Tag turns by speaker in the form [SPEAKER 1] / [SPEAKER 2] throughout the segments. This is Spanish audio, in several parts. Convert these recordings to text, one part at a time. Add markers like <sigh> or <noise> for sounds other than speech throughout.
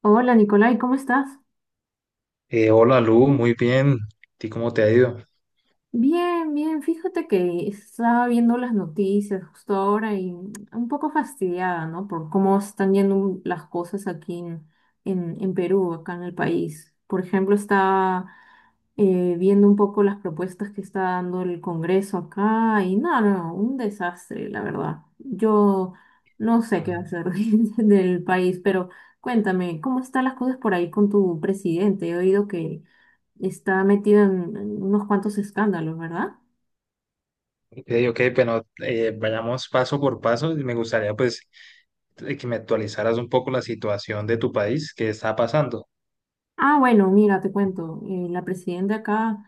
[SPEAKER 1] Hola Nicolai, ¿cómo estás?
[SPEAKER 2] Hola Lu, muy bien. ¿Y cómo te ha ido?
[SPEAKER 1] Bien, bien, fíjate que estaba viendo las noticias justo ahora y un poco fastidiada, ¿no? Por cómo están yendo las cosas aquí en Perú, acá en el país. Por ejemplo, estaba viendo un poco las propuestas que está dando el Congreso acá y no, no, un desastre, la verdad. Yo no sé qué hacer <laughs> del país, pero cuéntame, ¿cómo están las cosas por ahí con tu presidente? He oído que está metido en unos cuantos escándalos, ¿verdad?
[SPEAKER 2] Ok, ok, bueno, vayamos paso por paso. Me gustaría pues que me actualizaras un poco la situación de tu país, qué está pasando.
[SPEAKER 1] Ah, bueno, mira, te cuento. La presidenta acá,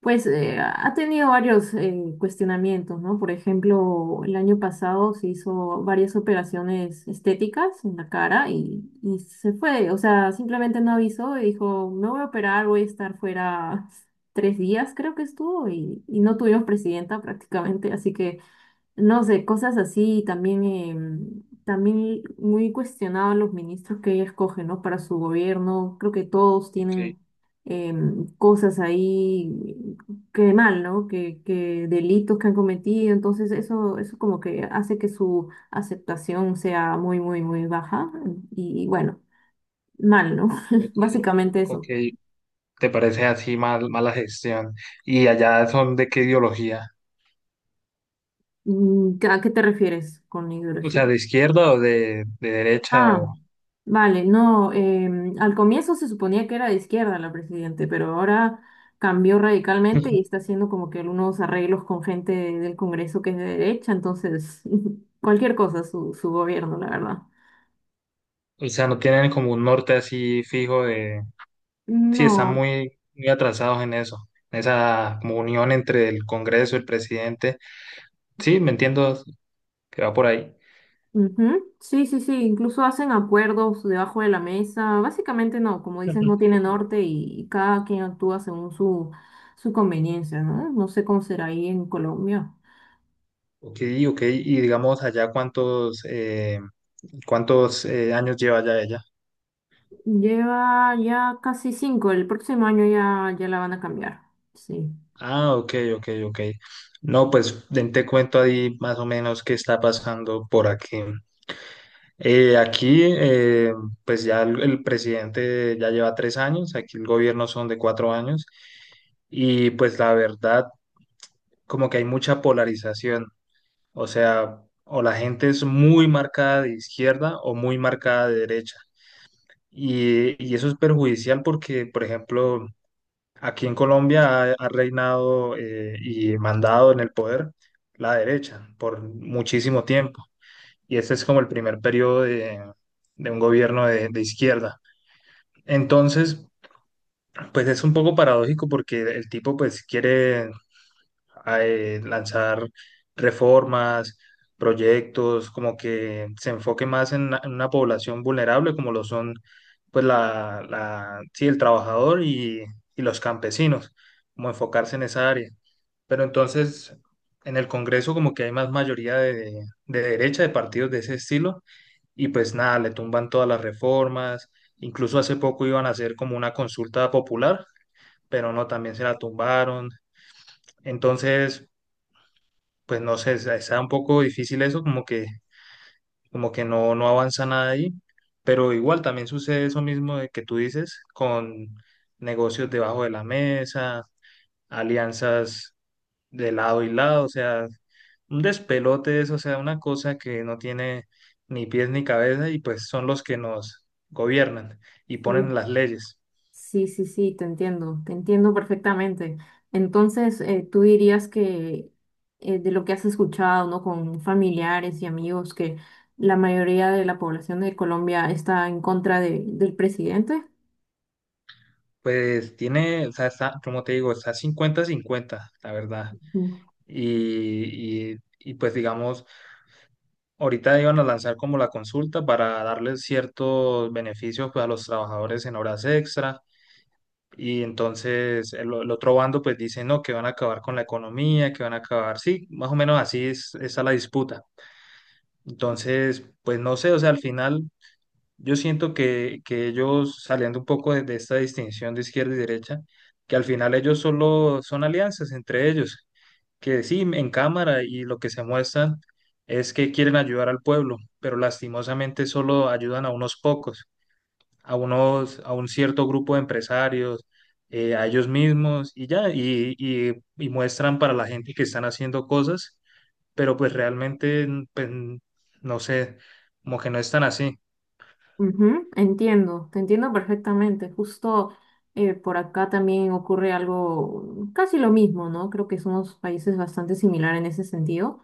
[SPEAKER 1] pues, ha tenido varios cuestionamientos, ¿no? Por ejemplo, el año pasado se hizo varias operaciones estéticas en la cara y se fue. O sea, simplemente no avisó y dijo, me voy a operar, voy a estar fuera <laughs> 3 días, creo que estuvo, y no tuvimos presidenta prácticamente, así que... No sé, cosas así y también, también muy cuestionados los ministros que ella escoge, ¿no? Para su gobierno. Creo que todos
[SPEAKER 2] Ok,
[SPEAKER 1] tienen cosas ahí que mal, ¿no? Que delitos que han cometido. Entonces eso como que hace que su aceptación sea muy, muy, muy baja. Y, bueno, mal, ¿no? <laughs>
[SPEAKER 2] ok,
[SPEAKER 1] Básicamente
[SPEAKER 2] ok.
[SPEAKER 1] eso.
[SPEAKER 2] ¿Te parece así mal, mala gestión? ¿Y allá son de qué ideología?
[SPEAKER 1] Mm, ¿a qué te refieres con
[SPEAKER 2] O
[SPEAKER 1] ideología?
[SPEAKER 2] sea, ¿de izquierda o de derecha?
[SPEAKER 1] Ah,
[SPEAKER 2] O...
[SPEAKER 1] vale, no, al comienzo se suponía que era de izquierda la presidente, pero ahora cambió radicalmente y
[SPEAKER 2] <laughs>
[SPEAKER 1] está haciendo como que algunos arreglos con gente del Congreso que es de derecha, entonces <laughs> cualquier cosa su gobierno, la verdad.
[SPEAKER 2] O sea, no tienen como un norte así fijo de... Sí, están
[SPEAKER 1] No,
[SPEAKER 2] muy, muy atrasados en eso, en esa como unión entre el Congreso, el presidente. Sí, me entiendo que va por ahí.
[SPEAKER 1] ujú, sí, sí, sí, incluso hacen acuerdos debajo de la mesa, básicamente no, como dices, no tiene
[SPEAKER 2] Ujú.
[SPEAKER 1] norte y cada quien actúa según su, su conveniencia, ¿no? No sé cómo será ahí en Colombia.
[SPEAKER 2] Ok, ok. Y digamos allá cuántos, cuántos años lleva ya ella.
[SPEAKER 1] Lleva ya casi 5, el próximo año ya, ya la van a cambiar. Sí,
[SPEAKER 2] Ah, ok, ok, ok. No, pues ven, te cuento ahí más o menos qué está pasando por aquí. Eh, aquí, eh, pues ya el presidente ya lleva 3 años, aquí el gobierno son de 4 años. Y pues la verdad, como que hay mucha polarización. O sea, o la gente es muy marcada de izquierda o muy marcada de derecha. Y eso es perjudicial porque, por ejemplo, aquí en Colombia ha reinado y mandado en el poder la derecha por muchísimo tiempo. Y este es como el primer periodo de un gobierno de izquierda. Entonces, pues es un poco paradójico porque el tipo pues quiere lanzar reformas, proyectos, como que se enfoque más en una población vulnerable como lo son pues sí, el trabajador y los campesinos, como enfocarse en esa área. Pero entonces en el Congreso como que hay más mayoría de derecha, de partidos de ese estilo, y pues nada, le tumban todas las reformas, incluso hace poco iban a hacer como una consulta popular, pero no, también se la tumbaron. Entonces, pues no sé, está un poco difícil eso, como que no, no avanza nada ahí, pero igual también sucede eso mismo de que tú dices, con negocios debajo de la mesa, alianzas de lado y lado, o sea, un despelote eso, o sea, una cosa que no tiene ni pies ni cabeza y pues son los que nos gobiernan y ponen
[SPEAKER 1] sí,
[SPEAKER 2] las leyes.
[SPEAKER 1] sí, sí, sí, te entiendo perfectamente. Entonces, tú dirías que de lo que has escuchado, ¿no? Con familiares y amigos, que la mayoría de la población de Colombia está en contra de- del presidente.
[SPEAKER 2] Pues tiene, o sea, está, como te digo, está cincuenta cincuenta la verdad. Y pues digamos, ahorita iban a lanzar como la consulta para darles ciertos beneficios pues, a los trabajadores en horas extra y entonces el otro bando pues dice no, que van a acabar con la economía, que van a acabar, sí, más o menos así es, está la disputa. Entonces, pues no sé, o sea, al final yo siento que ellos saliendo un poco de esta distinción de izquierda y derecha, que al final ellos solo son alianzas entre ellos que sí, en cámara y lo que se muestran es que quieren ayudar al pueblo, pero lastimosamente solo ayudan a unos pocos, a unos, a un cierto grupo de empresarios, a ellos mismos y ya, y muestran para la gente que están haciendo cosas, pero pues realmente, pues, no sé, como que no están así.
[SPEAKER 1] Ujú, entiendo, te entiendo perfectamente. Justo por acá también ocurre algo casi lo mismo, ¿no? Creo que somos países bastante similares en ese sentido.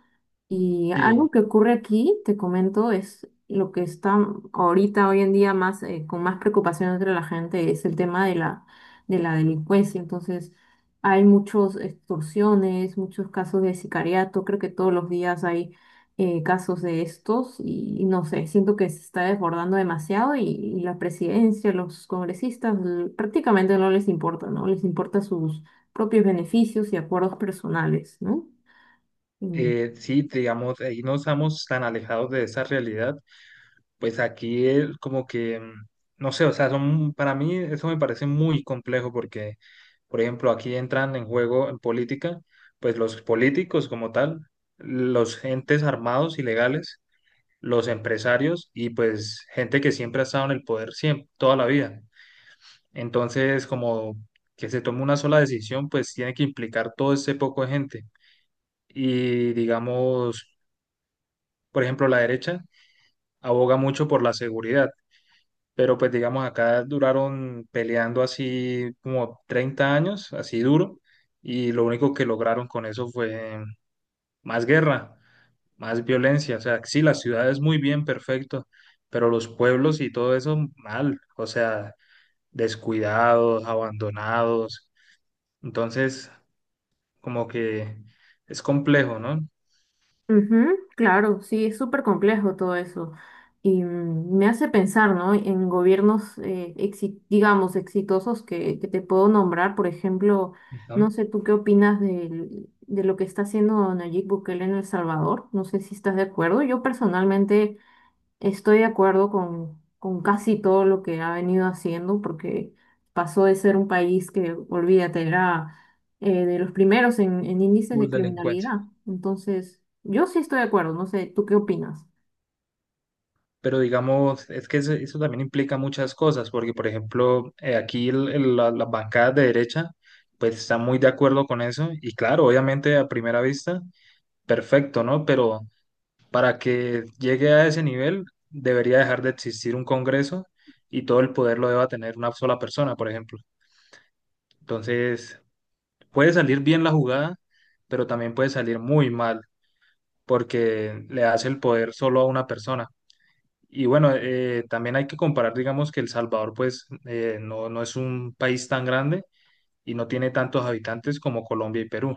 [SPEAKER 1] Y
[SPEAKER 2] Sí,
[SPEAKER 1] algo que ocurre aquí, te comento, es lo que está ahorita, hoy en día, más, con más preocupación entre la gente, es el tema de la delincuencia. Entonces, hay muchas extorsiones, muchos casos de sicariato, creo que todos los días hay casos de estos y, no sé, siento que se está desbordando demasiado y la presidencia, los congresistas, l- prácticamente no les importa, ¿no? Les importa sus propios beneficios y acuerdos personales, ¿no? Mm.
[SPEAKER 2] sí, digamos, ahí no estamos tan alejados de esa realidad. Pues aquí el- como que, no sé, o sea, son, para mí eso me parece muy complejo porque, por ejemplo, aquí entran en juego en política, pues los políticos como tal, los entes armados ilegales, los empresarios y pues gente que siempre ha estado en el poder siempre, toda la vida. Entonces, como que se tome una sola decisión, pues tiene que implicar todo ese poco de gente. Y digamos, por ejemplo, la derecha aboga mucho por la seguridad, pero pues digamos acá duraron peleando así como 30 años, así duro, y lo único que lograron con eso fue más guerra, más violencia, o sea, sí, las ciudades muy bien, perfecto, pero los pueblos y todo eso mal, o sea, descuidados, abandonados, entonces como que es complejo, ¿no?
[SPEAKER 1] Ujú, claro, sí, es súper complejo todo eso. Y mm, me hace pensar, ¿no? En gobiernos, exi- digamos, exitosos que te puedo nombrar. Por ejemplo,
[SPEAKER 2] Ajá,
[SPEAKER 1] no sé tú qué opinas del- de, lo que está haciendo Nayib Bukele en El Salvador. No sé si estás de acuerdo. Yo personalmente estoy de acuerdo con casi todo lo que ha venido haciendo, porque pasó de ser un país que, olvídate, era de los primeros en índices de
[SPEAKER 2] full delincuencia.
[SPEAKER 1] criminalidad. Entonces, yo sí estoy de acuerdo, no sé, ¿tú qué opinas?
[SPEAKER 2] Pero digamos, es que eso también implica muchas cosas, porque por ejemplo, aquí las bancadas de derecha, pues están muy de acuerdo con eso, y claro, obviamente a primera vista, perfecto, ¿no? Pero para que llegue a ese nivel, debería dejar de existir un Congreso y todo el poder lo deba tener una sola persona, por ejemplo. Entonces, puede salir bien la jugada, pero también puede salir muy mal, porque le hace el poder solo a una persona. Y bueno, también hay que comparar, digamos, que El Salvador, pues, no, no es un país tan grande y no tiene tantos habitantes como Colombia y Perú.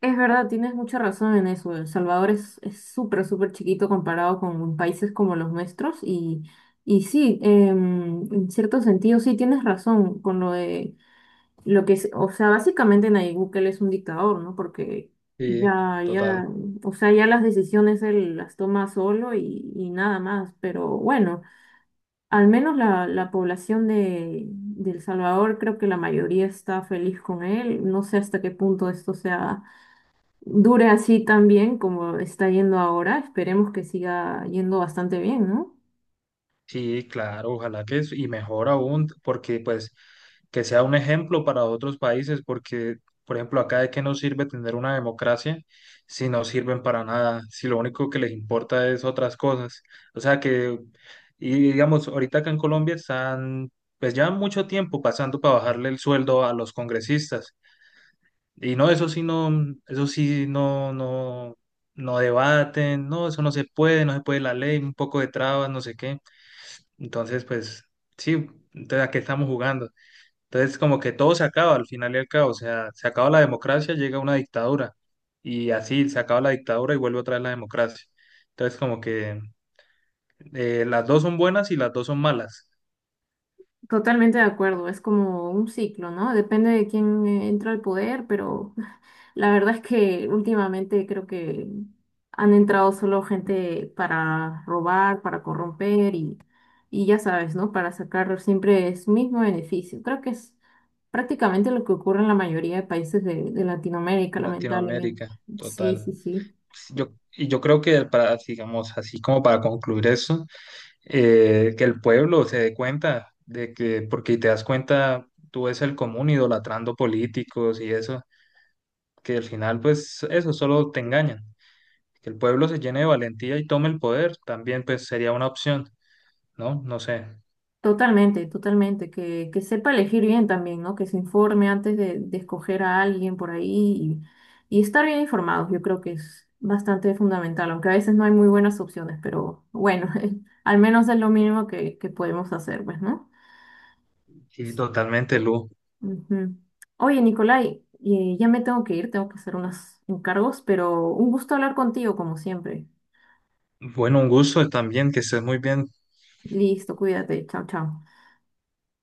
[SPEAKER 1] Es verdad, tienes mucha razón en eso. El Salvador es súper, súper chiquito comparado con países como los nuestros y sí, en cierto sentido sí tienes razón con lo de lo que es, o sea, básicamente Nayib Bukele es un dictador, ¿no? Porque
[SPEAKER 2] Sí,
[SPEAKER 1] ya,
[SPEAKER 2] total.
[SPEAKER 1] ya, o sea, ya las decisiones él las toma solo y nada más. Pero bueno, al menos la, la población de El Salvador, creo que la mayoría está feliz con él. No sé hasta qué punto esto sea, dure así tan bien como está yendo ahora. Esperemos que siga yendo bastante bien, ¿no?
[SPEAKER 2] Sí, claro, ojalá que es, y mejor aún, porque pues que sea un ejemplo para otros países, porque por ejemplo acá de qué nos sirve tener una democracia si no sirven para nada, si lo único que les importa es otras cosas. O sea que, y digamos, ahorita acá en Colombia están pues ya mucho tiempo pasando para bajarle el sueldo a los congresistas. Y no, eso sí no, eso sí no, no, no debaten, no, eso no se puede, no se puede la ley, un poco de trabas, no sé qué. Entonces, pues sí, entonces ¿a qué estamos jugando? Entonces, como que todo se acaba al final y al cabo, o sea, se acaba la democracia, llega una dictadura y así se acaba la dictadura y vuelve otra vez la democracia. Entonces, como que las dos son buenas y las dos son malas.
[SPEAKER 1] Totalmente de acuerdo, es como un ciclo, ¿no? Depende de quién entra al poder, pero <laughs> la verdad es que últimamente creo que han entrado solo gente para robar, para corromper y ya sabes, ¿no? Para sacar siempre su mismo beneficio. Creo que es prácticamente lo que ocurre en la mayoría de países de Latinoamérica, lamentablemente.
[SPEAKER 2] Latinoamérica,
[SPEAKER 1] Sí,
[SPEAKER 2] total.
[SPEAKER 1] sí, sí.
[SPEAKER 2] Yo creo que para, digamos, así como para concluir eso, que el pueblo se dé cuenta de que, porque te das cuenta, tú ves el común idolatrando políticos y eso que al final pues eso solo te engañan. Que el pueblo se llene de valentía y tome el poder también pues sería una opción, ¿no? No sé.
[SPEAKER 1] Totalmente, totalmente, que sepa elegir bien también, ¿no? Que se informe antes de escoger a alguien por ahí y estar bien informados, yo creo que es bastante fundamental, aunque a veces no hay muy buenas opciones, pero bueno, <laughs> al menos es lo mínimo que podemos hacer, pues, ¿no?
[SPEAKER 2] Sí, totalmente, Lu.
[SPEAKER 1] Ujú. Oye, Nicolai, ya me tengo que ir, tengo que hacer unos encargos, pero un gusto hablar contigo como siempre.
[SPEAKER 2] Bueno, un gusto también, que estés muy bien.
[SPEAKER 1] Listo, cuídate, chao, chao.